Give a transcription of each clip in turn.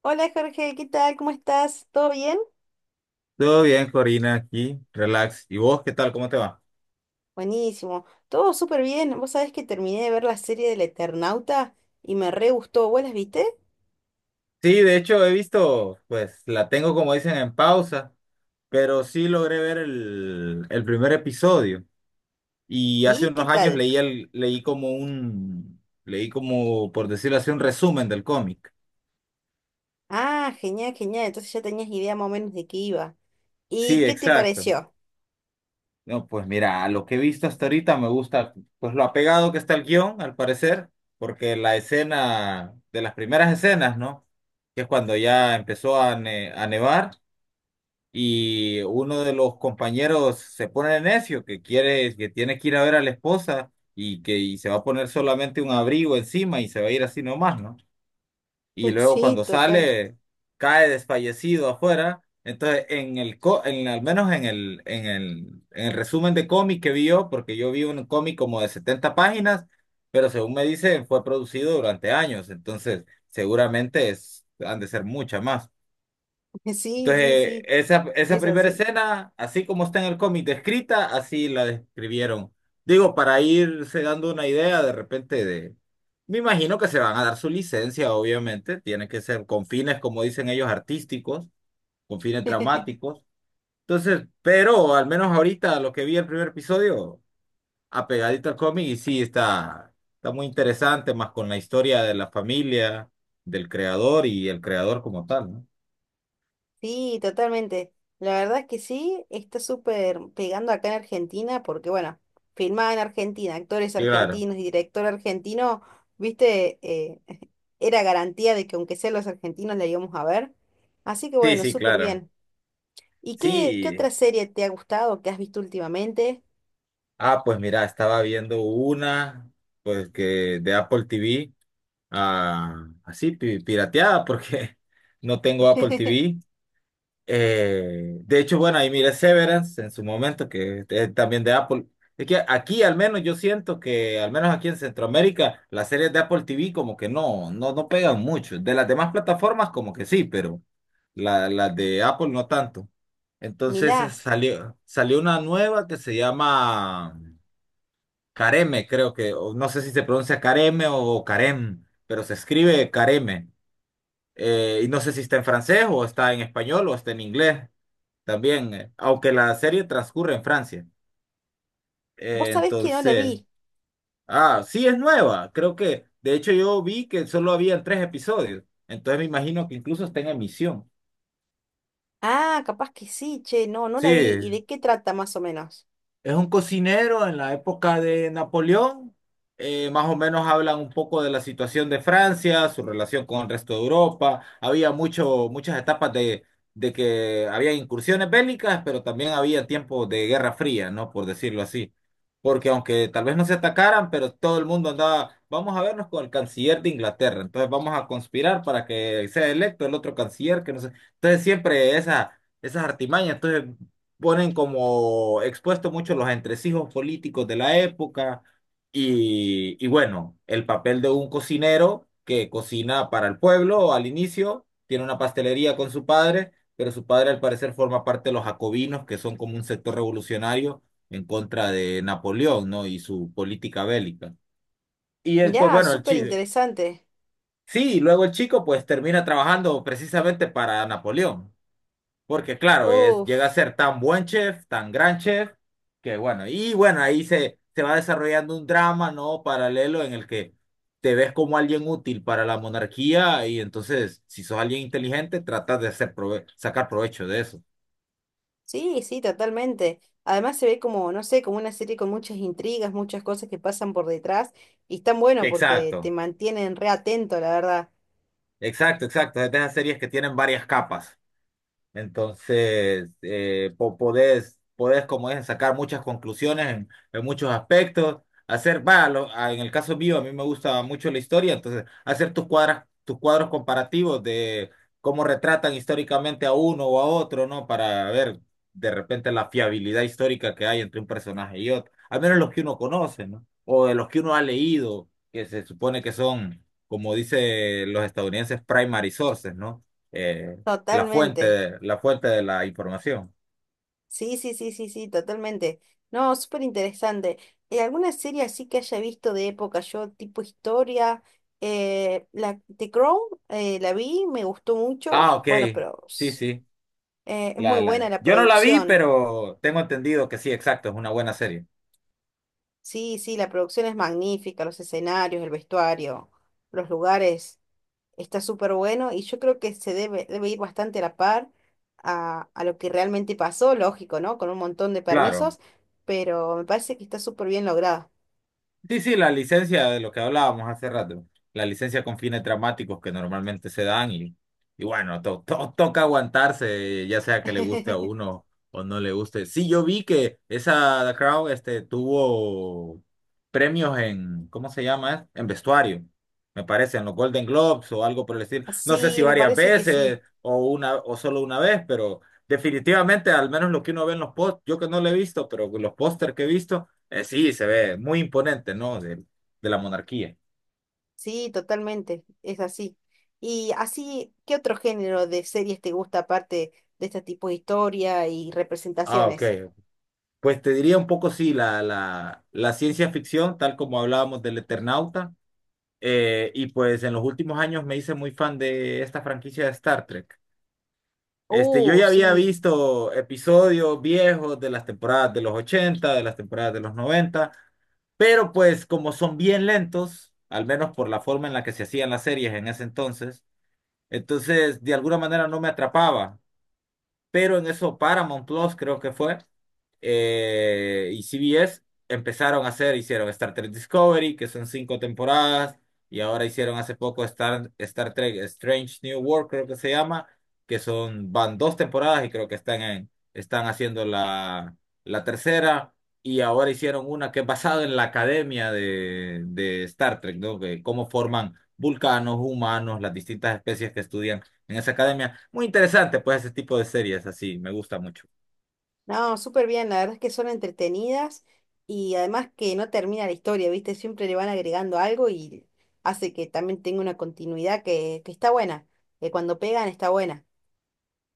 Hola Jorge, ¿qué tal? ¿Cómo estás? ¿Todo bien? Todo bien, Corina, aquí, relax. ¿Y vos qué tal? ¿Cómo te va? Buenísimo, todo súper bien. Vos sabés que terminé de ver la serie del Eternauta y me re gustó. ¿Vos las viste? Sí, de hecho he visto, pues la tengo como dicen en pausa, pero sí logré ver el primer episodio. Y hace ¿Y qué unos años tal? leí el, leí como un, leí como, por decirlo así, un resumen del cómic. Ah, genial, genial. Entonces ya tenías idea más o menos de qué iba. ¿Y Sí, qué te exacto. pareció? No, pues mira, a lo que he visto hasta ahorita me gusta, pues lo apegado que está el guión, al parecer, porque de las primeras escenas, ¿no? Que es cuando ya empezó a nevar. Y uno de los compañeros se pone necio, que tiene que ir a ver a la esposa y que se va a poner solamente un abrigo encima y se va a ir así nomás, ¿no? Y luego Sí, cuando total. sale, cae desfallecido afuera. Entonces, en el co- en, al menos en el resumen de cómic que vio, porque yo vi un cómic como de 70 páginas, pero según me dicen, fue producido durante años, entonces seguramente es, han de ser muchas más. Sí, sí, Entonces, sí, esa es primera así. escena, así como está en el cómic descrita, así la describieron. Digo, para irse dando una idea de repente de... Me imagino que se van a dar su licencia, obviamente. Tiene que ser con fines, como dicen ellos, artísticos, con fines dramáticos. Entonces, pero al menos ahorita lo que vi el primer episodio, apegadito al cómic, y sí, está muy interesante, más con la historia de la familia, del creador y el creador como tal, ¿no? Sí, totalmente. La verdad es que sí, está súper pegando acá en Argentina porque, bueno, filmada en Argentina, actores Y claro. argentinos y director argentino, viste, era garantía de que aunque sea los argentinos la íbamos a ver. Así que Sí, bueno, sí, súper claro. bien. ¿Y qué, qué Sí, otra serie te ha gustado que has visto últimamente? Pues mira, estaba viendo una, pues que de Apple TV, así, pirateada, porque no tengo Apple TV. De hecho, bueno, ahí miré Severance en su momento, que es también de Apple. Es que aquí al menos yo siento que, al menos aquí en Centroamérica, las series de Apple TV como que no pegan mucho. De las demás plataformas como que sí, pero las de Apple no tanto. Entonces Mirá, salió una nueva que se llama Careme, creo que, o no sé si se pronuncia Careme o Carem, pero se escribe Careme. Y no sé si está en francés o está en español o está en inglés. También, aunque la serie transcurre en Francia. vos Eh, sabés que no la entonces, vi. ah, sí es nueva. Creo que, de hecho, yo vi que solo habían tres episodios. Entonces me imagino que incluso está en emisión. Ah, capaz que sí, che, no, no la vi. ¿Y Sí, de qué trata más o menos? es un cocinero en la época de Napoleón. Más o menos hablan un poco de la situación de Francia, su relación con el resto de Europa. Había muchas etapas de que había incursiones bélicas, pero también había tiempos de guerra fría, ¿no? Por decirlo así. Porque aunque tal vez no se atacaran, pero todo el mundo andaba, vamos a vernos con el canciller de Inglaterra. Entonces vamos a conspirar para que sea electo el otro canciller, que no sé. Entonces siempre esas artimañas. Entonces ponen como expuesto mucho los entresijos políticos de la época y bueno, el papel de un cocinero que cocina para el pueblo al inicio, tiene una pastelería con su padre, pero su padre al parecer forma parte de los jacobinos, que son como un sector revolucionario en contra de Napoleón, ¿no? Y su política bélica. Pues Mirá, bueno, el súper chico, interesante. sí, y luego el chico pues termina trabajando precisamente para Napoleón. Porque claro, es, llega a Uf. ser tan buen chef, tan gran chef, que bueno, y bueno, ahí se va desarrollando un drama, ¿no? Paralelo en el que te ves como alguien útil para la monarquía y entonces, si sos alguien inteligente, tratas de hacer sacar provecho de eso. Sí, sí, totalmente. Además se ve como, no sé, como una serie con muchas intrigas, muchas cosas que pasan por detrás y están bueno porque te Exacto, mantienen re atento, la verdad. exacto, exacto. Es de esas series que tienen varias capas. Entonces, podés, como es, sacar muchas conclusiones en muchos aspectos, hacer, va, en el caso mío, a mí me gusta mucho la historia, entonces, hacer tus cuadros comparativos de cómo retratan históricamente a uno o a otro, ¿no? Para ver de repente la fiabilidad histórica que hay entre un personaje y otro, al menos los que uno conoce, ¿no? O de los que uno ha leído, que se supone que son, como dicen los estadounidenses, primary sources, ¿no? Eh, Totalmente. La fuente de la información. Sí, sí, sí, sí, sí, totalmente. No, súper interesante. ¿Alguna serie así que haya visto de época? Yo, tipo historia, la The Crown, la vi, me gustó mucho. Ah, ok. Bueno, pero Sí, s- sí. Es muy buena la Yo no la vi, producción. pero tengo entendido que sí, exacto, es una buena serie. Sí, sí, la producción es magnífica, los escenarios, el vestuario, los lugares, está súper bueno y yo creo que se debe, debe ir bastante a la par a lo que realmente pasó, lógico, ¿no? Con un montón de Claro. permisos, pero me parece que está súper bien lograda. Sí, sí, la licencia de lo que hablábamos hace rato, la licencia con fines dramáticos que normalmente se dan y bueno, toca aguantarse, ya sea que le guste a uno o no le guste. Sí, yo vi que esa The Crown este, tuvo premios en, ¿cómo se llama? En vestuario, me parece, en los Golden Globes o algo por el estilo. No sé Sí, si me varias parece que sí, veces o una o solo una vez, pero definitivamente, al menos lo que uno ve en los posts, yo que no lo he visto, pero los póster que he visto. Sí, se ve muy imponente, ¿no? De la monarquía. sí, totalmente, es así. Y así, ¿qué otro género de series te gusta aparte de este tipo de historia y Ah, ok. representaciones? Pues te diría un poco, sí, la ciencia ficción, tal como hablábamos del Eternauta. Y pues en los últimos años me hice muy fan de esta franquicia de Star Trek. Este, yo ya había Sí. visto episodios viejos de las temporadas de los 80, de las temporadas de los 90, pero pues como son bien lentos, al menos por la forma en la que se hacían las series en ese entonces, entonces de alguna manera no me atrapaba. Pero en eso Paramount Plus creo que fue, y CBS empezaron a hacer, hicieron Star Trek Discovery, que son cinco temporadas, y ahora hicieron hace poco Star Trek Strange New World, creo que se llama, que son, van dos temporadas y creo que están haciendo la tercera, y ahora hicieron una que es basada en la academia de Star Trek, ¿no? Que cómo forman vulcanos, humanos, las distintas especies que estudian en esa academia. Muy interesante, pues, ese tipo de series así, me gusta mucho. No, súper bien, la verdad es que son entretenidas y además que no termina la historia, ¿viste? Siempre le van agregando algo y hace que también tenga una continuidad que está buena, que cuando pegan está buena.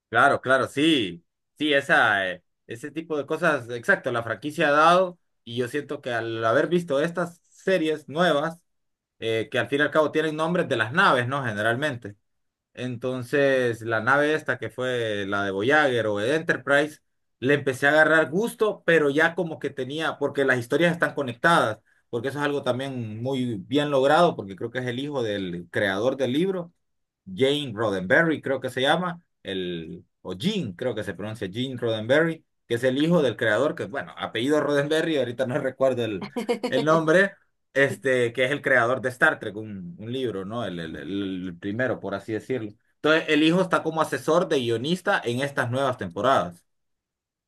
Claro, claro, sí, sí, ese tipo de cosas, exacto, la franquicia ha dado y yo siento que al haber visto estas series nuevas, que al fin y al cabo tienen nombres de las naves, ¿no? Generalmente. Entonces, la nave esta que fue la de Voyager o de Enterprise, le empecé a agarrar gusto, pero ya como que tenía, porque las historias están conectadas porque eso es algo también muy bien logrado, porque creo que es el hijo del creador del libro. Jane Roddenberry, creo que se llama, el, o Gene, creo que se pronuncia Gene Roddenberry, que es el hijo del creador, que bueno, apellido Roddenberry, ahorita no recuerdo el nombre, este, que es el creador de Star Trek, un libro, ¿no? El primero, por así decirlo. Entonces, el hijo está como asesor de guionista en estas nuevas temporadas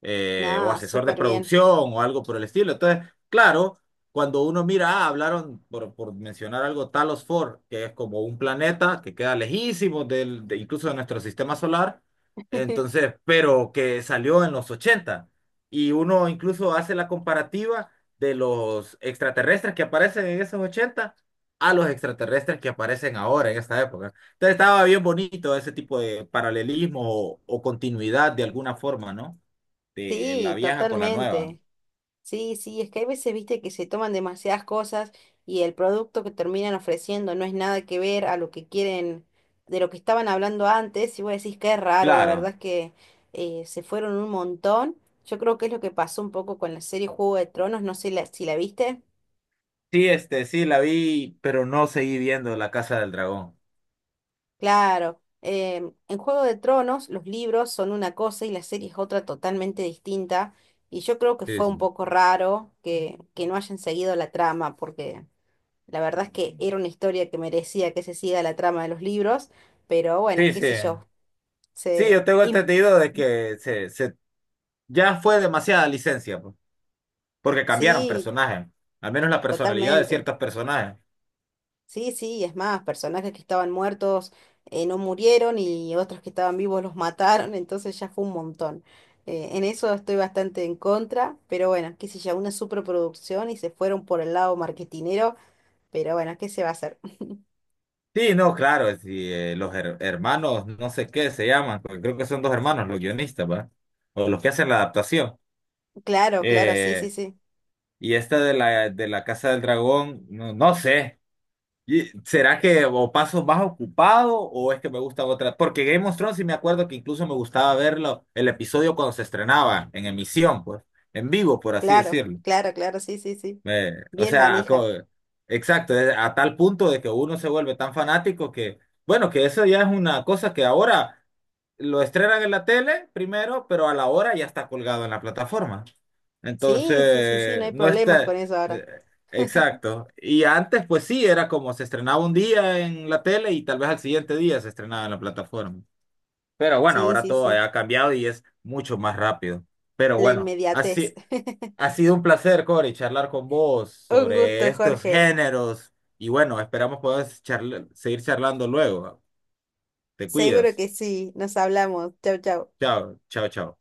o No, asesor de súper bien. producción o algo por el estilo. Entonces, claro, cuando uno mira, ah, hablaron, por mencionar algo, Talos Ford, que es como un planeta que queda lejísimo incluso de nuestro sistema solar, entonces, pero que salió en los ochenta. Y uno incluso hace la comparativa de los extraterrestres que aparecen en esos 80 a los extraterrestres que aparecen ahora en esta época. Entonces estaba bien bonito ese tipo de paralelismo o continuidad de alguna forma, ¿no? De la Sí, vieja con la nueva. totalmente. Sí, sí, es que hay veces, viste, que se toman demasiadas cosas y el producto que terminan ofreciendo no es nada que ver a lo que quieren, de lo que estaban hablando antes, y vos decís que es raro, la verdad Claro. es que se fueron un montón. Yo creo que es lo que pasó un poco con la serie Juego de Tronos, no sé la- si la viste. Sí, este, sí, la vi, pero no seguí viendo La Casa del Dragón. Claro, em, en Juego de Tronos los libros son una cosa y la serie es otra totalmente distinta, y yo creo que Sí, fue un sí. poco raro que no hayan seguido la trama, porque... La verdad es que era una historia que merecía que se siga la trama de los libros, pero bueno, Sí, qué sí. sé yo. Sí, Se... yo tengo im- entendido de que se ya fue demasiada licencia, pues, porque cambiaron Sí, personajes, al menos la personalidad de totalmente. ciertos personajes. Sí, sí, es más, personajes que estaban muertos no murieron y otros que estaban vivos los mataron, entonces ya fue un montón. En eso estoy bastante en contra, pero bueno, qué sé yo, una superproducción y se fueron por el lado marketinero, pero bueno, ¿qué se va a hacer? Sí, no, claro, sí, los her- hermanos, no sé qué se llaman, porque creo que son dos hermanos, los guionistas, ¿va? O los que hacen la adaptación. Claro, claro, sí, Eh, sí, sí. y esta de la Casa del Dragón, no sé. ¿Y será que o paso más ocupado o es que me gusta otra? Porque Game of Thrones sí me acuerdo que incluso me gustaba verlo el episodio cuando se estrenaba en emisión, pues, en vivo, por así Claro, decirlo. claro, claro, sí, sí, sí. Me- o Bien sea, manija. co- exacto, a tal punto de que uno se vuelve tan fanático que, bueno, que eso ya es una cosa que ahora lo estrenan en la tele primero, pero a la hora ya está colgado en la plataforma. Sí, sí, sí, sí, no Entonces, hay no problemas con está... eso ahora. eh, Exacto. Y antes, pues sí, era como se estrenaba un día en la tele y tal vez al siguiente día se estrenaba en la plataforma. Pero bueno, Sí, ahora sí, todo sí, ha cambiado y es mucho más rápido. Pero la bueno, inmediatez. así, ha sido un placer, Cory, charlar con vos Un sobre gusto, estos Jorge. géneros. Y bueno, esperamos poder seguir charlando luego. Te Seguro cuidas. que sí, nos hablamos. Chau, chau. Chao, chao, chao.